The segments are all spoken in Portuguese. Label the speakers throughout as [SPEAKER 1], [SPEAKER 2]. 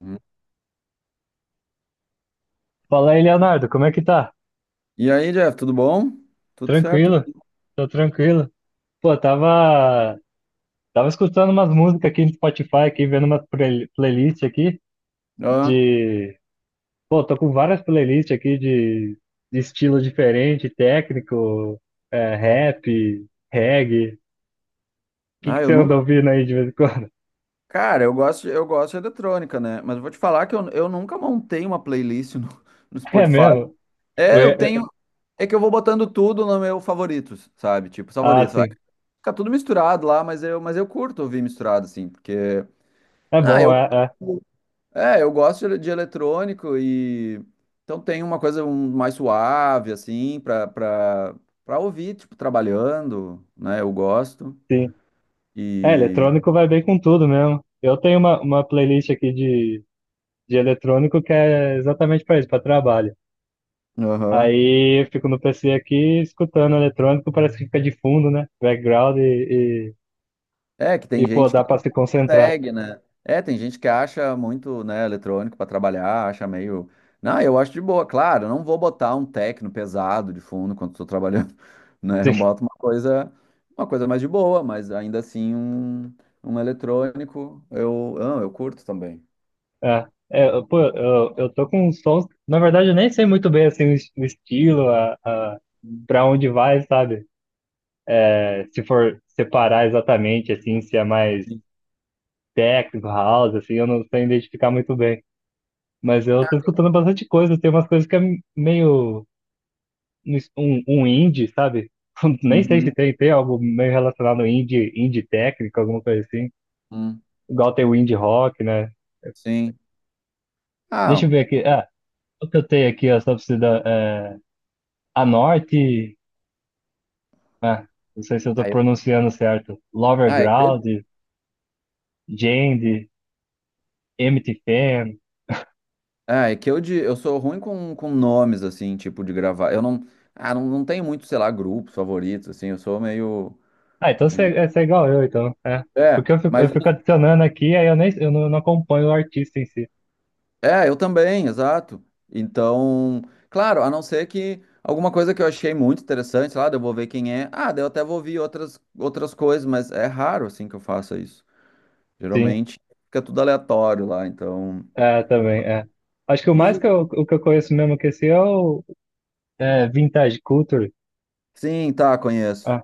[SPEAKER 1] Hum.
[SPEAKER 2] Fala aí, Leonardo, como é que tá?
[SPEAKER 1] E aí, Jeff, tudo bom? Tudo certo?
[SPEAKER 2] Tranquilo? Tô tranquilo. Pô, tava, tava escutando umas músicas aqui no Spotify, aqui, vendo umas playlist aqui
[SPEAKER 1] Ah,
[SPEAKER 2] de... Pô, tô com várias playlists aqui de estilo diferente, técnico, rap, reggae. O que
[SPEAKER 1] eu
[SPEAKER 2] você anda
[SPEAKER 1] nunca.
[SPEAKER 2] ouvindo aí de vez em quando?
[SPEAKER 1] Cara, eu gosto, eu gosto de eletrônica, né? Mas eu vou te falar que eu nunca montei uma playlist no
[SPEAKER 2] É
[SPEAKER 1] Spotify.
[SPEAKER 2] mesmo? Eu
[SPEAKER 1] É, eu
[SPEAKER 2] ia- eu-
[SPEAKER 1] tenho. É que eu vou botando tudo no meu favoritos, sabe? Tipo,
[SPEAKER 2] Ah,
[SPEAKER 1] favoritos. Aí
[SPEAKER 2] sim.
[SPEAKER 1] fica tudo misturado lá, mas eu curto ouvir misturado, assim, porque.
[SPEAKER 2] É
[SPEAKER 1] Ah,
[SPEAKER 2] bom,
[SPEAKER 1] eu. É, eu gosto de eletrônico e então tem uma coisa mais suave assim para para ouvir, tipo, trabalhando, né? Eu gosto.
[SPEAKER 2] sim. É,
[SPEAKER 1] E
[SPEAKER 2] eletrônico vai bem com tudo mesmo. Eu tenho uma playlist aqui de eletrônico que é exatamente para isso, para trabalho.
[SPEAKER 1] aham.
[SPEAKER 2] Aí eu fico no PC aqui escutando eletrônico, parece que fica de fundo, né? Background e,
[SPEAKER 1] É que
[SPEAKER 2] e,
[SPEAKER 1] tem
[SPEAKER 2] e, pô,
[SPEAKER 1] gente que
[SPEAKER 2] dá para
[SPEAKER 1] não
[SPEAKER 2] se concentrar.
[SPEAKER 1] consegue, né? É, tem gente que acha muito, né, eletrônico para trabalhar, acha meio. Não, eu acho de boa, claro, eu não vou botar um techno pesado de fundo quando estou trabalhando, né? Eu
[SPEAKER 2] Sim,
[SPEAKER 1] boto uma coisa mais de boa, mas ainda assim um eletrônico eu, ah, eu curto também.
[SPEAKER 2] é. Pô, eu tô com uns sons. Na verdade, eu nem sei muito bem assim, o estilo,
[SPEAKER 1] Uhum,
[SPEAKER 2] para onde vai, sabe? É, se for separar exatamente, assim, se é mais técnico, house, assim, eu não sei identificar muito bem. Mas eu tô escutando bastante coisa, tem umas coisas que é meio um indie, sabe? Nem sei se tem, tem algo meio relacionado ao indie, indie técnico, alguma coisa assim.
[SPEAKER 1] uhum,
[SPEAKER 2] Igual tem o indie rock, né?
[SPEAKER 1] sim.
[SPEAKER 2] Deixa
[SPEAKER 1] Ah,
[SPEAKER 2] eu ver aqui. Ah, o que eu tenho aqui, ó, só precisa. É, a Norte. Ah, não sei se eu tô
[SPEAKER 1] aí-
[SPEAKER 2] pronunciando certo. Lower
[SPEAKER 1] ah, é que
[SPEAKER 2] Ground, Jand, Empty Fan.
[SPEAKER 1] ah, é que eu, de, eu sou ruim com nomes, assim, tipo, de gravar. Eu não, ah, não tenho muito, sei lá, grupos favoritos, assim, eu sou meio
[SPEAKER 2] Ah, então
[SPEAKER 1] de...
[SPEAKER 2] você é igual eu, então. É.
[SPEAKER 1] É,
[SPEAKER 2] Porque eu
[SPEAKER 1] mas,
[SPEAKER 2] fico adicionando aqui, aí eu nem eu não, não acompanho o artista em si.
[SPEAKER 1] é, eu também, exato. Então, claro, a não ser que alguma coisa que eu achei muito interessante, sei lá, daí eu vou ver quem é. Ah, daí eu até vou ouvir outras coisas, mas é raro, assim, que eu faça isso.
[SPEAKER 2] Sim,
[SPEAKER 1] Geralmente fica tudo aleatório lá, então...
[SPEAKER 2] é, também, é. Acho que o mais que
[SPEAKER 1] dos-
[SPEAKER 2] eu, o que eu conheço mesmo que esse é o. É, Vintage Culture?
[SPEAKER 1] Sim, tá, conheço.
[SPEAKER 2] Ah,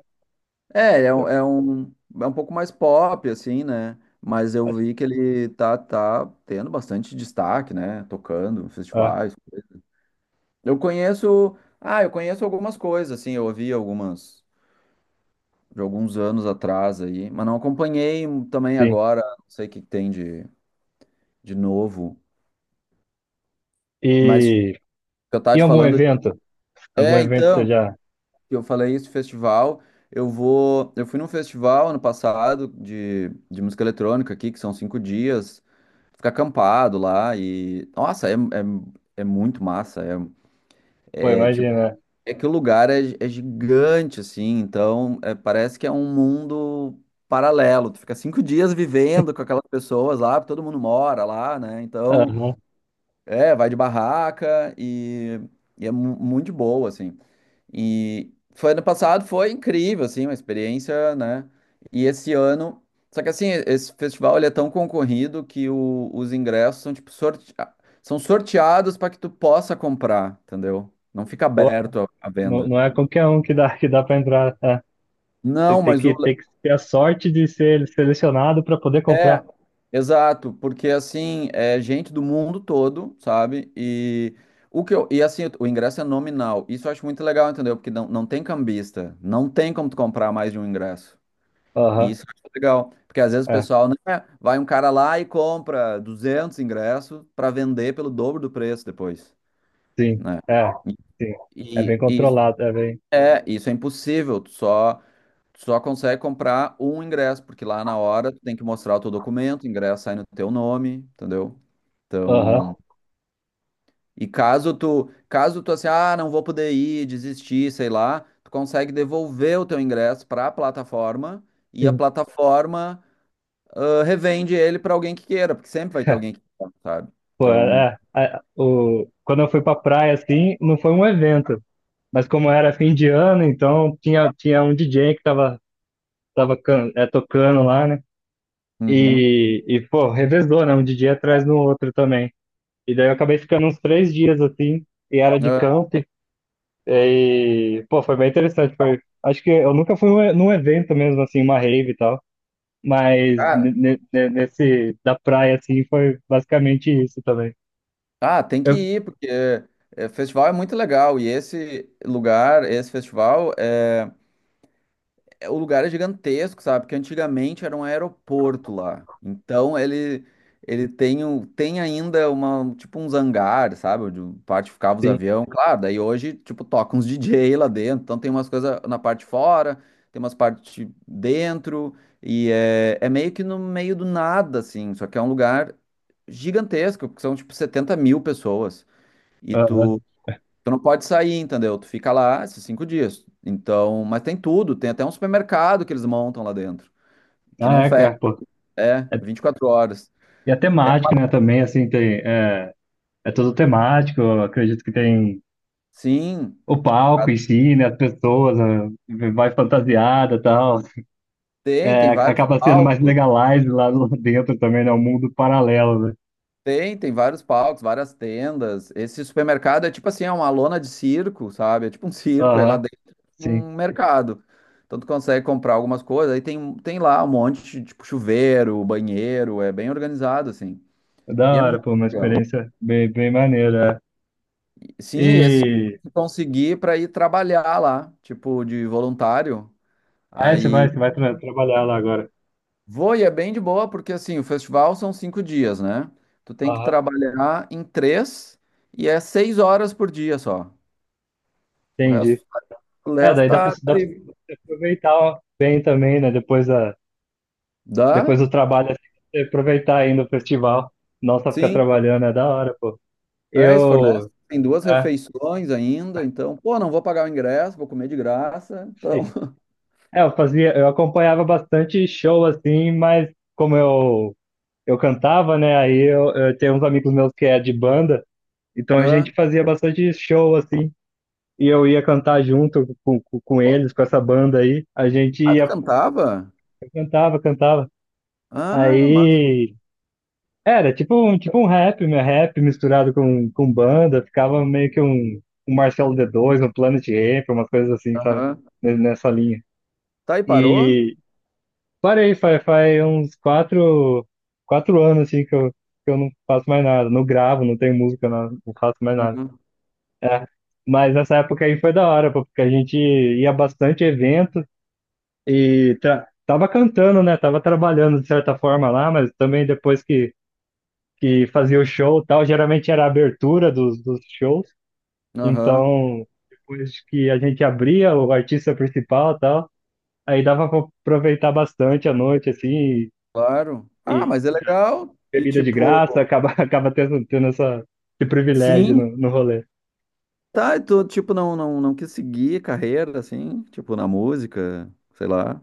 [SPEAKER 1] É, é um, é um, é um pouco mais pop, assim, né? Mas eu
[SPEAKER 2] acho-
[SPEAKER 1] vi que ele tá tendo bastante destaque, né? Tocando em
[SPEAKER 2] ah,
[SPEAKER 1] festivais. Eu conheço. Ah, eu conheço algumas coisas, assim, eu ouvi algumas de alguns anos atrás aí, mas não acompanhei também
[SPEAKER 2] sim.
[SPEAKER 1] agora, não sei o que que tem de novo. Mas
[SPEAKER 2] E
[SPEAKER 1] eu tava
[SPEAKER 2] em
[SPEAKER 1] te
[SPEAKER 2] algum
[SPEAKER 1] falando.
[SPEAKER 2] evento? Algum
[SPEAKER 1] É,
[SPEAKER 2] evento você
[SPEAKER 1] então,
[SPEAKER 2] já
[SPEAKER 1] que eu falei isso, festival. Eu vou. Eu fui num festival ano passado de música eletrônica aqui, que são cinco dias. Ficar acampado lá e. Nossa, é muito massa. É,
[SPEAKER 2] foi,
[SPEAKER 1] é tipo.
[SPEAKER 2] imagina.
[SPEAKER 1] É que o lugar é gigante, assim, então é, parece que é um mundo paralelo. Tu fica cinco dias vivendo com aquelas pessoas lá, todo mundo mora lá, né? Então,
[SPEAKER 2] Aham.
[SPEAKER 1] é, vai de barraca e é muito de boa, assim. E foi ano passado, foi incrível, assim, uma experiência, né? E esse ano. Só que assim, esse festival ele é tão concorrido que os ingressos são tipo sorte... ah, são sorteados para que tu possa comprar, entendeu? Não fica
[SPEAKER 2] Pô,
[SPEAKER 1] aberto a à
[SPEAKER 2] não,
[SPEAKER 1] venda.
[SPEAKER 2] não é qualquer um que dá para entrar. É. Tem,
[SPEAKER 1] Não, mas o.
[SPEAKER 2] tem que ter a sorte de ser selecionado para poder comprar.
[SPEAKER 1] É, exato, porque assim, é gente do mundo todo, sabe? E o que eu. E assim, o ingresso é nominal. Isso eu acho muito legal, entendeu? Porque não tem cambista. Não tem como tu comprar mais de um ingresso. E
[SPEAKER 2] Aham,
[SPEAKER 1] isso eu acho legal, porque às vezes o
[SPEAKER 2] é,
[SPEAKER 1] pessoal, né, vai um cara lá e compra 200 ingressos para vender pelo dobro do preço depois,
[SPEAKER 2] sim,
[SPEAKER 1] né?
[SPEAKER 2] é, sim. É
[SPEAKER 1] E,
[SPEAKER 2] bem
[SPEAKER 1] e isso
[SPEAKER 2] controlado, é bem.
[SPEAKER 1] isso é impossível, tu só consegue comprar um ingresso, porque lá na hora tu tem que mostrar o teu documento, o ingresso sai no teu nome, entendeu?
[SPEAKER 2] Aham,
[SPEAKER 1] Então, caso tu assim, ah, não vou poder ir, desistir, sei lá, tu consegue devolver o teu ingresso para a plataforma e a
[SPEAKER 2] sim.
[SPEAKER 1] plataforma ah, revende ele para alguém que queira, porque sempre vai ter alguém que queira, sabe?
[SPEAKER 2] Pô,
[SPEAKER 1] Então,
[SPEAKER 2] quando eu fui pra praia, assim, não foi um evento. Mas como era fim de ano, então tinha, tinha um DJ que tava tocando lá, né?
[SPEAKER 1] uhum.
[SPEAKER 2] E, pô, revezou, né? Um DJ atrás no outro também. E daí eu acabei ficando uns 3 dias assim, e era de
[SPEAKER 1] Ah,
[SPEAKER 2] camp. E, pô, foi bem interessante. Foi, acho que eu nunca fui num evento mesmo, assim, uma rave e tal. Mas
[SPEAKER 1] cara,
[SPEAKER 2] nesse da praia, assim, foi basicamente isso também.
[SPEAKER 1] ah, tem que
[SPEAKER 2] Eu,
[SPEAKER 1] ir, porque é, festival é muito legal, e esse lugar, esse festival é. O lugar é gigantesco, sabe? Porque antigamente era um aeroporto lá. Então ele tem, tem ainda uma tipo uns hangares, sabe? Onde parte ficava os
[SPEAKER 2] sim.
[SPEAKER 1] aviões. Claro, daí hoje tipo toca uns DJ lá dentro. Então tem umas coisas na parte de fora, tem umas partes dentro e é meio que no meio do nada assim. Só que é um lugar gigantesco, porque são tipo 70 mil pessoas. E tu
[SPEAKER 2] Aham.
[SPEAKER 1] tu não pode sair, entendeu? Tu fica lá esses cinco dias. Então, mas tem tudo, tem até um supermercado que eles montam lá dentro, que não
[SPEAKER 2] Ah, é,
[SPEAKER 1] fecha,
[SPEAKER 2] cara, pô.
[SPEAKER 1] é
[SPEAKER 2] É-
[SPEAKER 1] 24 horas.
[SPEAKER 2] E é
[SPEAKER 1] É,
[SPEAKER 2] temático, né? Também, assim, tem. É, é tudo temático. Eu acredito que tem.
[SPEAKER 1] sim,
[SPEAKER 2] O palco em
[SPEAKER 1] a-
[SPEAKER 2] si, né, as pessoas, né, vai fantasiada e tal.
[SPEAKER 1] tem, tem
[SPEAKER 2] É,
[SPEAKER 1] vários
[SPEAKER 2] acaba sendo mais
[SPEAKER 1] palcos,
[SPEAKER 2] legalize lá dentro também, né? Um mundo paralelo, né?
[SPEAKER 1] tem, tem vários palcos, várias tendas. Esse supermercado é tipo assim, é uma lona de circo, sabe? É tipo um circo, aí lá
[SPEAKER 2] Aham,
[SPEAKER 1] dentro é tipo
[SPEAKER 2] sim.
[SPEAKER 1] um mercado. Então tu consegue comprar algumas coisas, aí tem, tem lá um monte de tipo chuveiro, banheiro, é bem organizado assim.
[SPEAKER 2] É. Da
[SPEAKER 1] E é
[SPEAKER 2] hora,
[SPEAKER 1] muito
[SPEAKER 2] pô, uma
[SPEAKER 1] legal.
[SPEAKER 2] experiência bem, bem maneira. É.
[SPEAKER 1] Sim, e esse ano
[SPEAKER 2] E.
[SPEAKER 1] eu consegui para ir trabalhar lá, tipo, de voluntário. Aí
[SPEAKER 2] Você vai trabalhar lá agora.
[SPEAKER 1] vou e é bem de boa, porque assim, o festival são cinco dias, né? Tu tem que
[SPEAKER 2] Aham,
[SPEAKER 1] trabalhar em três e é seis horas por dia só. O
[SPEAKER 2] entendi.
[SPEAKER 1] resto, o
[SPEAKER 2] É,
[SPEAKER 1] resto
[SPEAKER 2] daí
[SPEAKER 1] tá
[SPEAKER 2] dá pra
[SPEAKER 1] livre.
[SPEAKER 2] você aproveitar bem também, né? Depois
[SPEAKER 1] Dá?
[SPEAKER 2] do trabalho, assim, você aproveitar ainda o festival. Não só ficar
[SPEAKER 1] Sim.
[SPEAKER 2] trabalhando, é da hora, pô.
[SPEAKER 1] É, isso fornece.
[SPEAKER 2] Eu.
[SPEAKER 1] Tem duas
[SPEAKER 2] É.
[SPEAKER 1] refeições ainda, então, pô, não vou pagar o ingresso, vou comer de graça. Então,
[SPEAKER 2] É, eu fazia, eu acompanhava bastante show assim, mas como eu cantava, né? Aí eu tenho uns amigos meus que é de banda, então a gente
[SPEAKER 1] é.
[SPEAKER 2] fazia bastante show assim. E eu ia cantar junto com
[SPEAKER 1] Pô,
[SPEAKER 2] eles, com essa banda aí. A gente
[SPEAKER 1] ah, tu
[SPEAKER 2] ia,
[SPEAKER 1] cantava?
[SPEAKER 2] cantava.
[SPEAKER 1] Ah, massa.
[SPEAKER 2] Aí era tipo um rap, né? Rap misturado com banda. Ficava meio que um Marcelo D2, um Planet Ramp, umas coisas assim, sabe?
[SPEAKER 1] Aham.
[SPEAKER 2] Nessa linha.
[SPEAKER 1] Tá e parou?
[SPEAKER 2] E, parei, faz uns 4 anos assim que eu não faço mais nada. Não gravo, não tenho música, não, não faço mais nada.
[SPEAKER 1] Aham.
[SPEAKER 2] É. Mas nessa época aí foi da hora, pô, porque a gente ia bastante evento tava cantando, né? Tava trabalhando de certa forma lá, mas também depois que fazia o show e tal, geralmente era a abertura dos, dos shows.
[SPEAKER 1] Aham.
[SPEAKER 2] Então, depois que a gente abria, o artista principal e tal, aí dava pra aproveitar bastante a noite, assim,
[SPEAKER 1] Claro. Ah,
[SPEAKER 2] e
[SPEAKER 1] mas é legal. E
[SPEAKER 2] bebida de graça,
[SPEAKER 1] tipo,
[SPEAKER 2] acaba, acaba tendo, tendo essa, esse privilégio
[SPEAKER 1] sim,
[SPEAKER 2] no, no rolê.
[SPEAKER 1] tá, e tu tipo não quis seguir carreira assim, tipo na música, sei lá.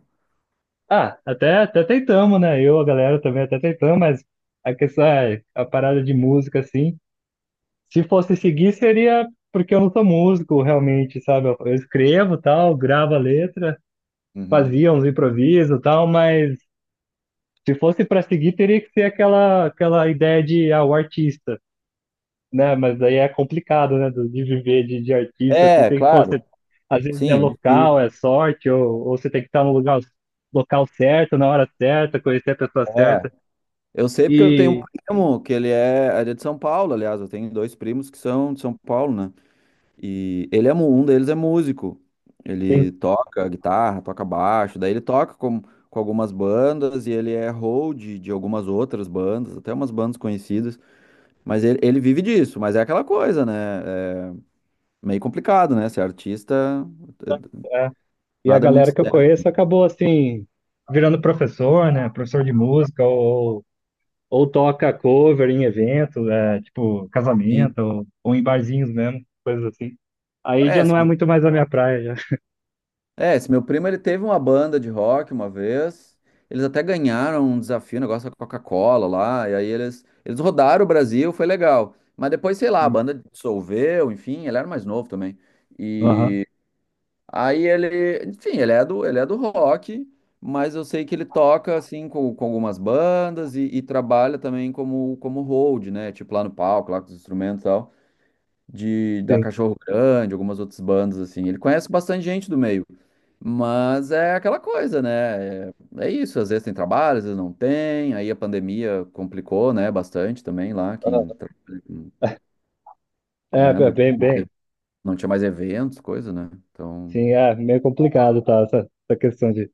[SPEAKER 2] Ah, até, até tentamos, né? Eu, a galera também até tentamos, mas a questão é, a parada de música, assim, se fosse seguir, seria porque eu não sou músico, realmente, sabe? Eu escrevo tal, gravo a letra,
[SPEAKER 1] Uhum.
[SPEAKER 2] fazia uns improvisos tal, mas se fosse para seguir, teria que ser aquela, aquela ideia de, ah, o artista. Né? Mas aí é complicado, né? De viver de artista, assim,
[SPEAKER 1] É,
[SPEAKER 2] tem que, pô,
[SPEAKER 1] claro.
[SPEAKER 2] você, às vezes é
[SPEAKER 1] Sim, é
[SPEAKER 2] local,
[SPEAKER 1] difícil.
[SPEAKER 2] é sorte, ou você tem que estar no lugar, local certo, na hora certa, conhecer a pessoa
[SPEAKER 1] É.
[SPEAKER 2] certa.
[SPEAKER 1] Eu sei porque eu tenho um
[SPEAKER 2] E,
[SPEAKER 1] primo que ele é de São Paulo, aliás, eu tenho dois primos que são de São Paulo, né? E ele é, um deles é músico.
[SPEAKER 2] sim,
[SPEAKER 1] Ele toca guitarra, toca baixo, daí ele toca com algumas bandas e ele é hold de algumas outras bandas, até umas bandas conhecidas. Mas ele vive disso, mas é aquela coisa, né? É meio complicado, né? Ser artista, eh,
[SPEAKER 2] é. E a
[SPEAKER 1] nada é muito
[SPEAKER 2] galera que eu
[SPEAKER 1] certo.
[SPEAKER 2] conheço acabou, assim, virando professor, né? Professor de música, ou toca cover em eventos, é, tipo,
[SPEAKER 1] Assim.
[SPEAKER 2] casamento, ou em barzinhos mesmo, coisas assim. Aí
[SPEAKER 1] É,
[SPEAKER 2] já
[SPEAKER 1] esse
[SPEAKER 2] não é
[SPEAKER 1] meu,
[SPEAKER 2] muito mais a minha praia, já.
[SPEAKER 1] é, esse meu primo, ele teve uma banda de rock uma vez, eles até ganharam um desafio, um negócio da Coca-Cola lá, e aí eles rodaram o Brasil, foi legal. Mas depois, sei lá, a
[SPEAKER 2] Sim.
[SPEAKER 1] banda dissolveu, enfim, ele era mais novo também.
[SPEAKER 2] Aham,
[SPEAKER 1] E aí enfim, ele é do rock, mas eu sei que ele toca assim com algumas bandas e trabalha também como hold, né? Tipo lá no palco, lá com os instrumentos e tal, de da
[SPEAKER 2] sim.
[SPEAKER 1] Cachorro Grande, algumas outras bandas assim. Ele conhece bastante gente do meio, mas é aquela coisa, né? É, é isso, às vezes tem trabalho, às vezes não tem. Aí a pandemia complicou, né, bastante também lá, quem
[SPEAKER 2] Aham.
[SPEAKER 1] trabalha, com-
[SPEAKER 2] É,
[SPEAKER 1] né,
[SPEAKER 2] é bem,
[SPEAKER 1] não
[SPEAKER 2] bem.
[SPEAKER 1] teve- não tinha mais eventos, coisa, né? Então,
[SPEAKER 2] Sim, é meio complicado, tá? Essa questão de.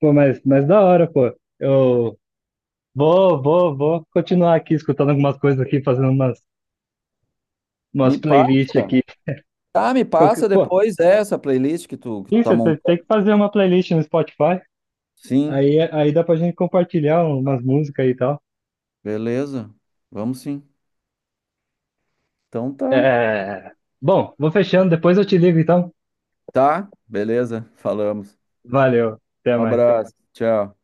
[SPEAKER 2] Pô, mas da hora, pô. Eu vou continuar aqui escutando algumas coisas aqui, fazendo umas,
[SPEAKER 1] me
[SPEAKER 2] umas playlists
[SPEAKER 1] passa.
[SPEAKER 2] aqui.
[SPEAKER 1] Tá, me
[SPEAKER 2] Qualquer-
[SPEAKER 1] passa
[SPEAKER 2] Pô,
[SPEAKER 1] depois essa playlist que tu
[SPEAKER 2] isso,
[SPEAKER 1] tá
[SPEAKER 2] você
[SPEAKER 1] montando.
[SPEAKER 2] tem que fazer uma playlist no Spotify.
[SPEAKER 1] Sim,
[SPEAKER 2] Aí dá pra gente compartilhar umas músicas e tal.
[SPEAKER 1] beleza. Vamos sim. Então tá.
[SPEAKER 2] É... Bom, vou fechando, depois eu te ligo então.
[SPEAKER 1] Tá, beleza. Falamos.
[SPEAKER 2] Valeu, até
[SPEAKER 1] Um
[SPEAKER 2] mais.
[SPEAKER 1] abraço. Tchau.